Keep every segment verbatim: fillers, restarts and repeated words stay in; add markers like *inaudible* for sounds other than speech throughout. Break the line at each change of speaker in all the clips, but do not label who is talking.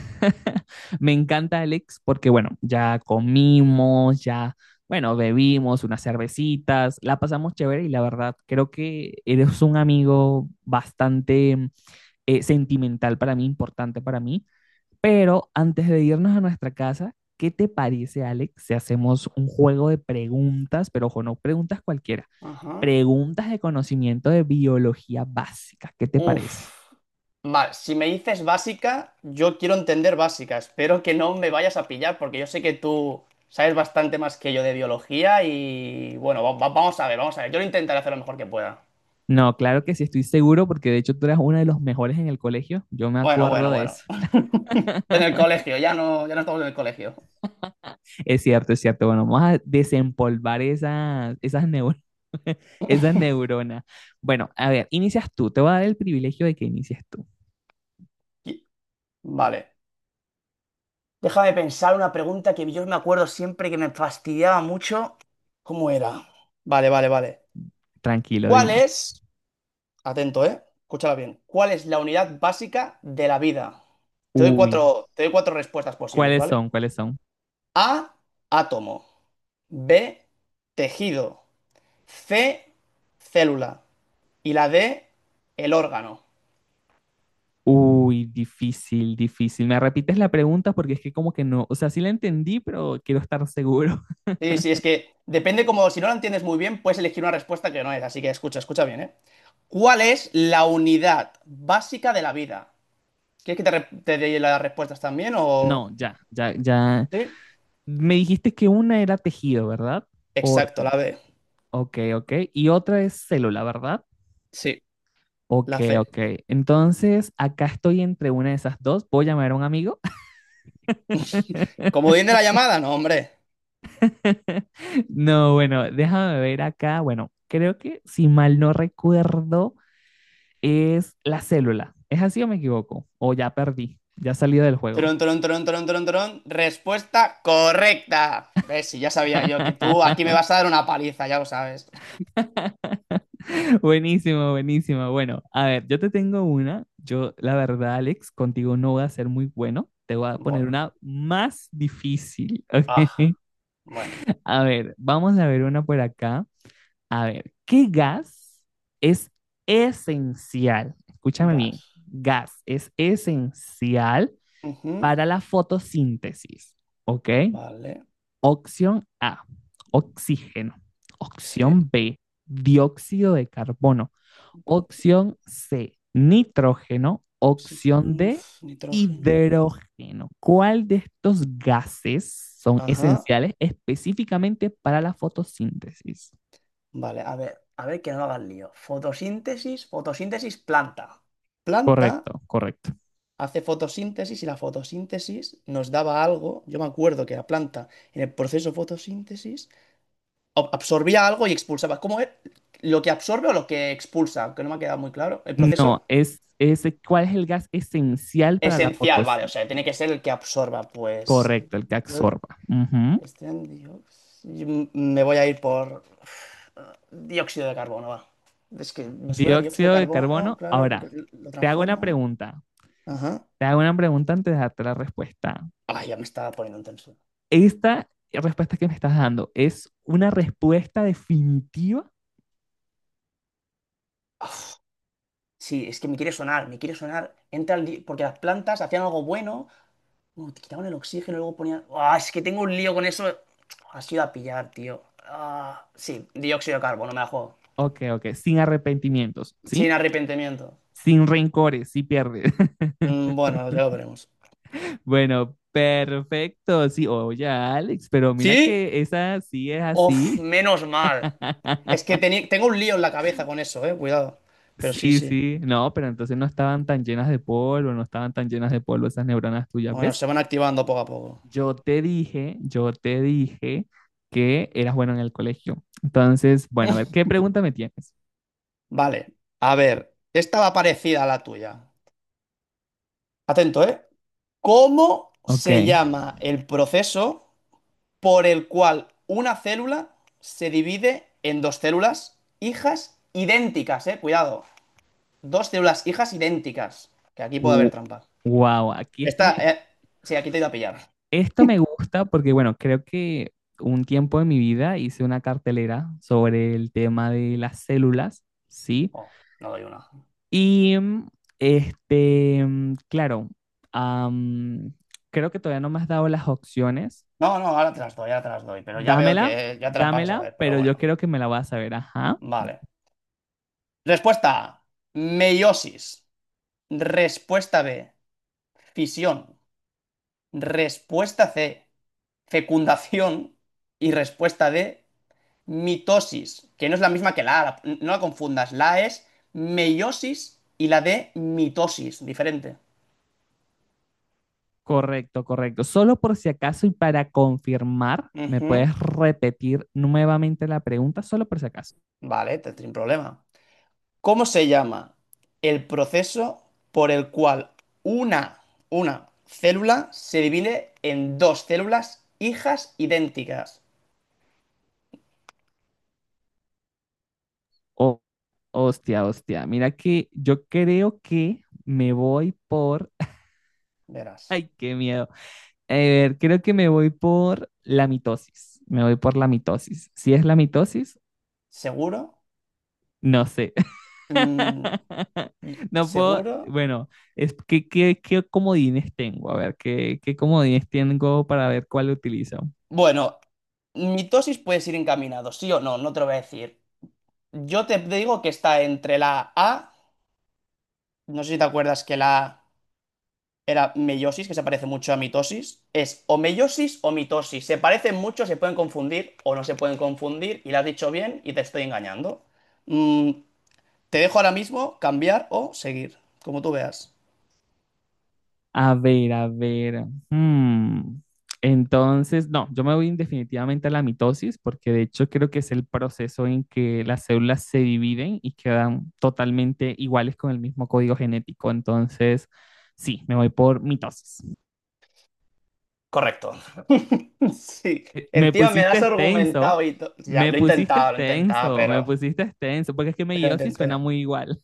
*laughs* Me encanta, Alex, porque bueno, ya comimos, ya, bueno, bebimos unas cervecitas, la pasamos chévere y la verdad, creo que eres un amigo bastante mm, eh, sentimental para mí, importante para mí. Pero antes de irnos a nuestra casa, ¿qué te parece, Alex, si hacemos un juego de preguntas, pero ojo, no preguntas cualquiera,
Ajá.
preguntas de conocimiento de biología básica? ¿Qué te parece?
Uf. Vale, si me dices básica, yo quiero entender básica. Espero que no me vayas a pillar porque yo sé que tú sabes bastante más que yo de biología y bueno, va- va- vamos a ver, vamos a ver. Yo lo intentaré hacer lo mejor que pueda.
No, claro que sí, estoy seguro porque de hecho tú eras uno de los mejores en el colegio. Yo me
Bueno, bueno,
acuerdo de eso.
bueno. *laughs* En el colegio, ya no, ya no estamos en el colegio.
Es cierto, es cierto. Bueno, vamos a desempolvar esas, esas, neu- *laughs* esas neuronas. Bueno, a ver, inicias tú. Te voy a dar el privilegio de que inicies tú.
Y- Vale. Déjame pensar una pregunta que yo me acuerdo siempre que me fastidiaba mucho. ¿Cómo era? Vale, vale, vale.
Tranquilo,
¿Cuál
dime.
es? Atento, ¿eh? Escúchala bien. ¿Cuál es la unidad básica de la vida? Te doy
Uy,
cuatro, te doy cuatro respuestas posibles,
¿cuáles
¿vale?
son? ¿Cuáles son?
A, átomo. B, tejido. C, célula. Y la D, el órgano.
Uy, difícil, difícil. ¿Me repites la pregunta? Porque es que como que no, o sea, sí la entendí, pero quiero estar seguro. *laughs*
Sí, sí, es que depende como, si no la entiendes muy bien, puedes elegir una respuesta que no es. Así que escucha, escucha bien, ¿eh? ¿Cuál es la unidad básica de la vida? ¿Quieres que te, re- te dé las respuestas también
No,
o...?
ya, ya, ya.
Sí.
Me dijiste que una era tejido, ¿verdad? O
Exacto, la B.
ok, ok. Y otra es célula, ¿verdad?
Sí,
Ok,
la C.
ok. Entonces, acá estoy entre una de esas dos. ¿Puedo llamar a un amigo?
Comodín de la llamada, no, hombre.
*laughs* No, bueno, déjame ver acá. Bueno, creo que si mal no recuerdo, es la célula. ¿Es así o me equivoco? O ya perdí, ya salí del juego.
Tron, tron, tron, tron, tron, tron. Respuesta correcta. Ves, si ya sabía yo que tú aquí me
*laughs*
vas a dar una paliza, ya lo sabes.
Buenísimo, buenísimo. Bueno, a ver, yo te tengo una. Yo, la verdad, Alex, contigo no voy a ser muy bueno. Te voy a poner
Bueno,
una más difícil, *laughs* ¿ok?
ah, bueno,
A ver, vamos a ver una por acá. A ver, ¿qué gas es esencial? Escúchame bien,
gas.
gas es esencial
Ujú,
para la fotosíntesis, ¿ok?
vale,
Opción A, oxígeno.
sí.
Opción B, dióxido de carbono. Opción C, nitrógeno. Opción
Oxígeno, uf,
D,
nitrógeno.
hidrógeno. ¿Cuál de estos gases son
Ajá,
esenciales específicamente para la fotosíntesis?
vale, a ver, a ver que no hagas lío. Fotosíntesis, fotosíntesis, planta. Planta
Correcto, correcto.
hace fotosíntesis y la fotosíntesis nos daba algo. Yo me acuerdo que la planta en el proceso fotosíntesis ob- absorbía algo y expulsaba. ¿Cómo es? ¿Lo que absorbe o lo que expulsa? Aunque no me ha quedado muy claro. ¿El
No,
proceso?
es, es cuál es el gas esencial para la
Esencial, vale. O sea, tiene que
fotosíntesis.
ser el que absorba. Pues.
Correcto, el que
Yo.
absorba. Ujú.
este dióxido- yo m- me voy a ir por. eh, Dióxido de carbono, va. Es que me suena dióxido de
Dióxido de
carbono,
carbono.
claro,
Ahora,
porque l- lo
te hago una
transforma.
pregunta.
Ajá.
Te hago una pregunta antes de darte la respuesta.
Ay, ya me estaba poniendo intenso.
Esta respuesta que me estás dando es una respuesta definitiva.
Uf, Sí, es que me quiere sonar, me quiere sonar. Entra el di- porque las plantas hacían algo bueno. Bueno, te quitaban el oxígeno y luego ponían. ¡Ah! Es que tengo un lío con eso. Has ido a pillar, tío. Ah, sí, dióxido de carbono, me la juego.
Ok, ok, sin arrepentimientos,
Sin
¿sí?
arrepentimiento.
Sin rencores, si pierdes. *laughs*
Mm, bueno, ya lo veremos.
Bueno, perfecto. Sí, oye, Alex, pero mira
¿Sí?
que esa sí es
Uf,
así.
menos mal. Es que
*laughs*
teni- tengo un lío en la cabeza con eso, eh, cuidado. Pero sí,
Sí,
sí.
sí, no, pero entonces no estaban tan llenas de polvo, no estaban tan llenas de polvo esas neuronas tuyas,
Bueno,
¿ves?
se van activando poco a poco.
Yo te dije, yo te dije que eras bueno en el colegio. Entonces, bueno, a ver, ¿qué pregunta me tienes?
Vale, a ver. Esta va parecida a la tuya. Atento, ¿eh? ¿Cómo se
Ok.
llama el proceso por el cual una célula se divide en dos células hijas idénticas? Eh, cuidado. Dos células hijas idénticas. Que aquí puede haber trampa.
Wow, aquí esto me,
Esta, eh, sí, aquí te he ido a pillar.
esto me gusta porque, bueno, creo que un tiempo de mi vida hice una cartelera sobre el tema de las células, ¿sí?
Oh, no doy una.
Y mm, este, mm, claro, am, creo que todavía no me has dado las opciones.
No, no, ahora te las doy, ahora te las doy. Pero ya veo
Dámela,
que eh, ya te las vas a
dámela,
saber, pero
pero yo
bueno.
creo que me la vas a ver, ajá.
Vale. Respuesta A, meiosis. Respuesta B, fisión. Respuesta C, fecundación. Y respuesta D, mitosis, que no es la misma que la A, la- no la confundas. La A es meiosis y la D mitosis, diferente.
Correcto, correcto. Solo por si acaso y para confirmar, ¿me
Ujú,
puedes repetir nuevamente la pregunta? Solo por si acaso.
vale, te sin problema. ¿Cómo se llama el proceso por el cual una, una célula se divide en dos células hijas idénticas?
Hostia, hostia. Mira que yo creo que me voy por. *laughs*
Verás.
Ay, qué miedo. A ver, creo que me voy por la mitosis. Me voy por la mitosis. Si es la mitosis,
¿Seguro?
no sé.
Mm,
*laughs*
y-
No puedo.
¿seguro?
Bueno, es que qué, qué comodines tengo. A ver, qué, qué comodines tengo para ver cuál utilizo.
Bueno, mitosis puedes ir encaminado, sí o no, no te lo voy a decir. Yo te digo que está entre la A, no sé si te acuerdas que la A era meiosis, que se parece mucho a mitosis. Es o meiosis o mitosis. Se parecen mucho, se pueden confundir o no se pueden confundir, y la has dicho bien y te estoy engañando. Mm, te dejo ahora mismo cambiar o seguir, como tú veas.
A ver, a ver. hmm, Entonces, no, yo me voy definitivamente a la mitosis porque de hecho creo que es el proceso en que las células se dividen y quedan totalmente iguales con el mismo código genético. Entonces, sí, me voy por mitosis. *laughs*
Correcto. *laughs* Sí.
Eh, me
Encima me lo
pusiste
has
extenso,
argumentado y to- ya,
me
lo he
pusiste
intentado, lo he intentado,
extenso, me
pero...
pusiste extenso, porque es que
Pero lo
meiosis suena
intenté.
muy igual.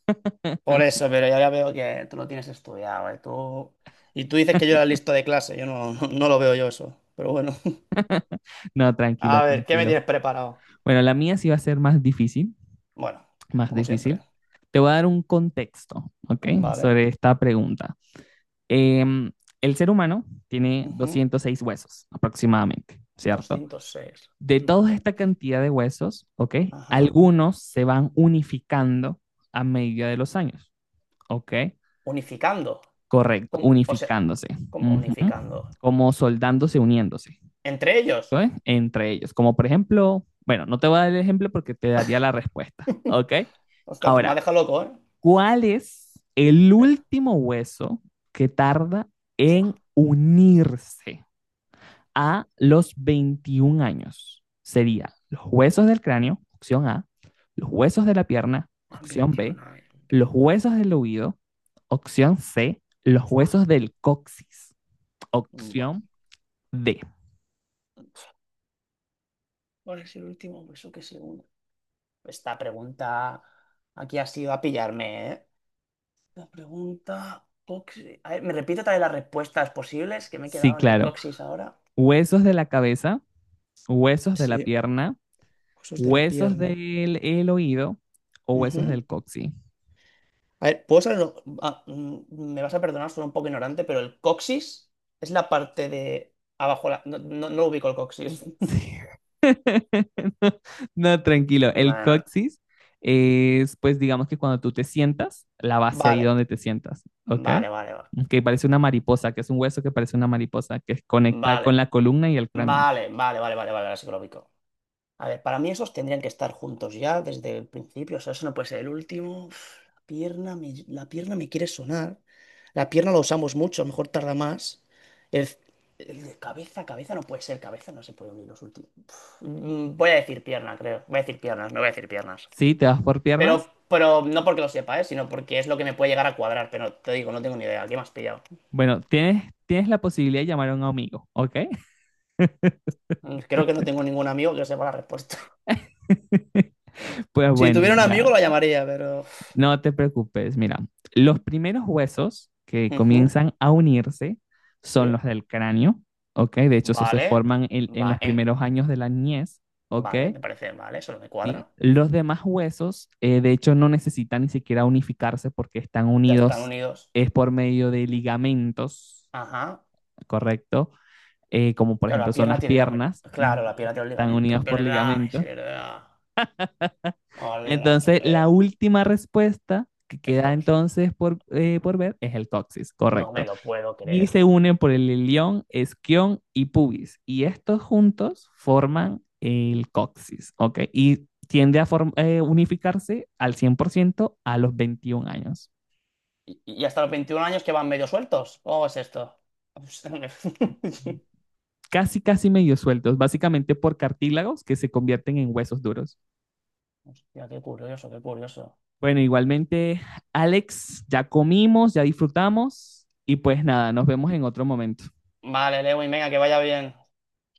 Por eso, pero ya ya veo que tú lo tienes estudiado, ¿eh? Tú... Y tú dices que yo era listo de clase, yo no, *laughs* no lo veo yo eso, pero bueno.
*laughs* No,
*laughs*
tranquilo,
A ver, ¿qué me tienes
tranquilo.
preparado?
Bueno, la mía sí va a ser más difícil.
Bueno,
Más
como siempre.
difícil. Te voy a dar un contexto, ¿ok?
Vale.
Sobre esta pregunta. Em, el ser humano tiene
Ujú.
doscientos seis huesos aproximadamente, ¿cierto?
Doscientos seis,
De toda
vale.
esta cantidad de huesos, ¿ok?
Ajá.
Algunos se van unificando a medida de los años, ¿ok?
Unificando.
Correcto,
¿Cómo- O sea,
unificándose,
¿cómo
ujú,
unificando?
como soldándose, uniéndose,
¿Entre ellos?
¿ok? Entre ellos, como por ejemplo, bueno, no te voy a dar el ejemplo porque te daría la respuesta,
*laughs*
¿ok?
Ostras, pues me ha
Ahora,
dejado loco, ¿eh?
¿cuál es el
Espera.
último hueso que tarda en
Fuah.
unirse a los veintiún años? Sería los huesos del cráneo, opción A, los huesos de la pierna, opción B,
veintiuno, eh.
los huesos del oído, opción C, los
Fuah.
huesos del coxis,
Buah.
opción D.
¿Cuál es el último beso que se une? Esta pregunta aquí ha sido a pillarme, ¿eh? La pregunta. coxi- A ver, ¿me repite otra vez las respuestas posibles que me he
Sí,
quedado en el
claro,
coxis ahora?
huesos de la cabeza, huesos de la
Sí,
pierna,
huesos de la
huesos
pierna.
del el oído o huesos
Ujú.
del coxis.
A ver, ¿puedo saber? lo- ah, mm, me vas a perdonar, soy un poco ignorante, pero el coxis es la parte de abajo. la- No, no, no ubico el coxis. *laughs*
Sí. *laughs* No, no, tranquilo. El
Bueno,
coxis es, pues, digamos que cuando tú te sientas, la base ahí
vale,
donde te sientas, ¿ok?
vale, vale,
Que parece una mariposa, que es un hueso que parece una mariposa, que conecta con
vale.
la columna y el cráneo.
Vale, vale, vale, vale, vale, vale, ahora sí que lo ubico. A ver, para mí esos tendrían que estar juntos ya desde el principio. O sea, eso no puede ser el último. Uf, la pierna me, la pierna me quiere sonar. La pierna la usamos mucho, a lo mejor tarda más. El, el de cabeza, cabeza no puede ser, cabeza no se puede unir los últimos. Uf, mm, voy a decir pierna, creo. Voy a decir piernas, no voy a decir piernas.
¿Sí? ¿Te vas por piernas?
Pero, pero no porque lo sepa, ¿eh? Sino porque es lo que me puede llegar a cuadrar. Pero te digo, no tengo ni idea. ¿Qué me has pillado?
Bueno, tienes, tienes la posibilidad de llamar a un amigo, ¿ok?
Mm, creo que no tengo ningún amigo que sepa la respuesta. *laughs*
*laughs* Pues
Si
bueno,
tuviera un amigo
mira,
lo llamaría, pero... uf.
no te preocupes, mira, los primeros huesos que
Ujú,
comienzan a unirse son
sí.
los del cráneo, ¿ok? De hecho, esos se
Vale,
forman en, en
va
los
en,
primeros años de la niñez, ¿ok?
vale, me parece, vale, solo me
¿Sí?
cuadra.
Los demás huesos, eh, de hecho, no necesitan ni siquiera unificarse porque están
Ya están
unidos,
unidos.
es por medio de ligamentos,
Ajá.
¿correcto? Eh, como por
Claro, la
ejemplo son
pierna
las
tiene ligamen-
piernas,
claro, la
ujú,
pierna
que
tiene los
están
ligamentos. Es
unidas por
verdad, es
ligamentos.
verdad. Hola,
Entonces, la
eh,
última respuesta que queda
estos.
entonces por, eh, por ver es el coxis,
No me
correcto.
lo puedo
Y
creer.
se unen por el ilión, esquión y pubis. Y estos juntos forman el coxis, ¿ok? Y tiende a form- eh, unificarse al cien por ciento a los veintiún años.
¿Y, y hasta los veintiún años que van medio sueltos? ¿Cómo es esto? *laughs*
Casi, casi medio sueltos, básicamente por cartílagos que se convierten en huesos duros.
Hostia, qué curioso, qué curioso.
Bueno, igualmente, Alex, ya comimos, ya disfrutamos y pues nada, nos vemos en otro momento.
Vale, Lewin, venga, que vaya bien.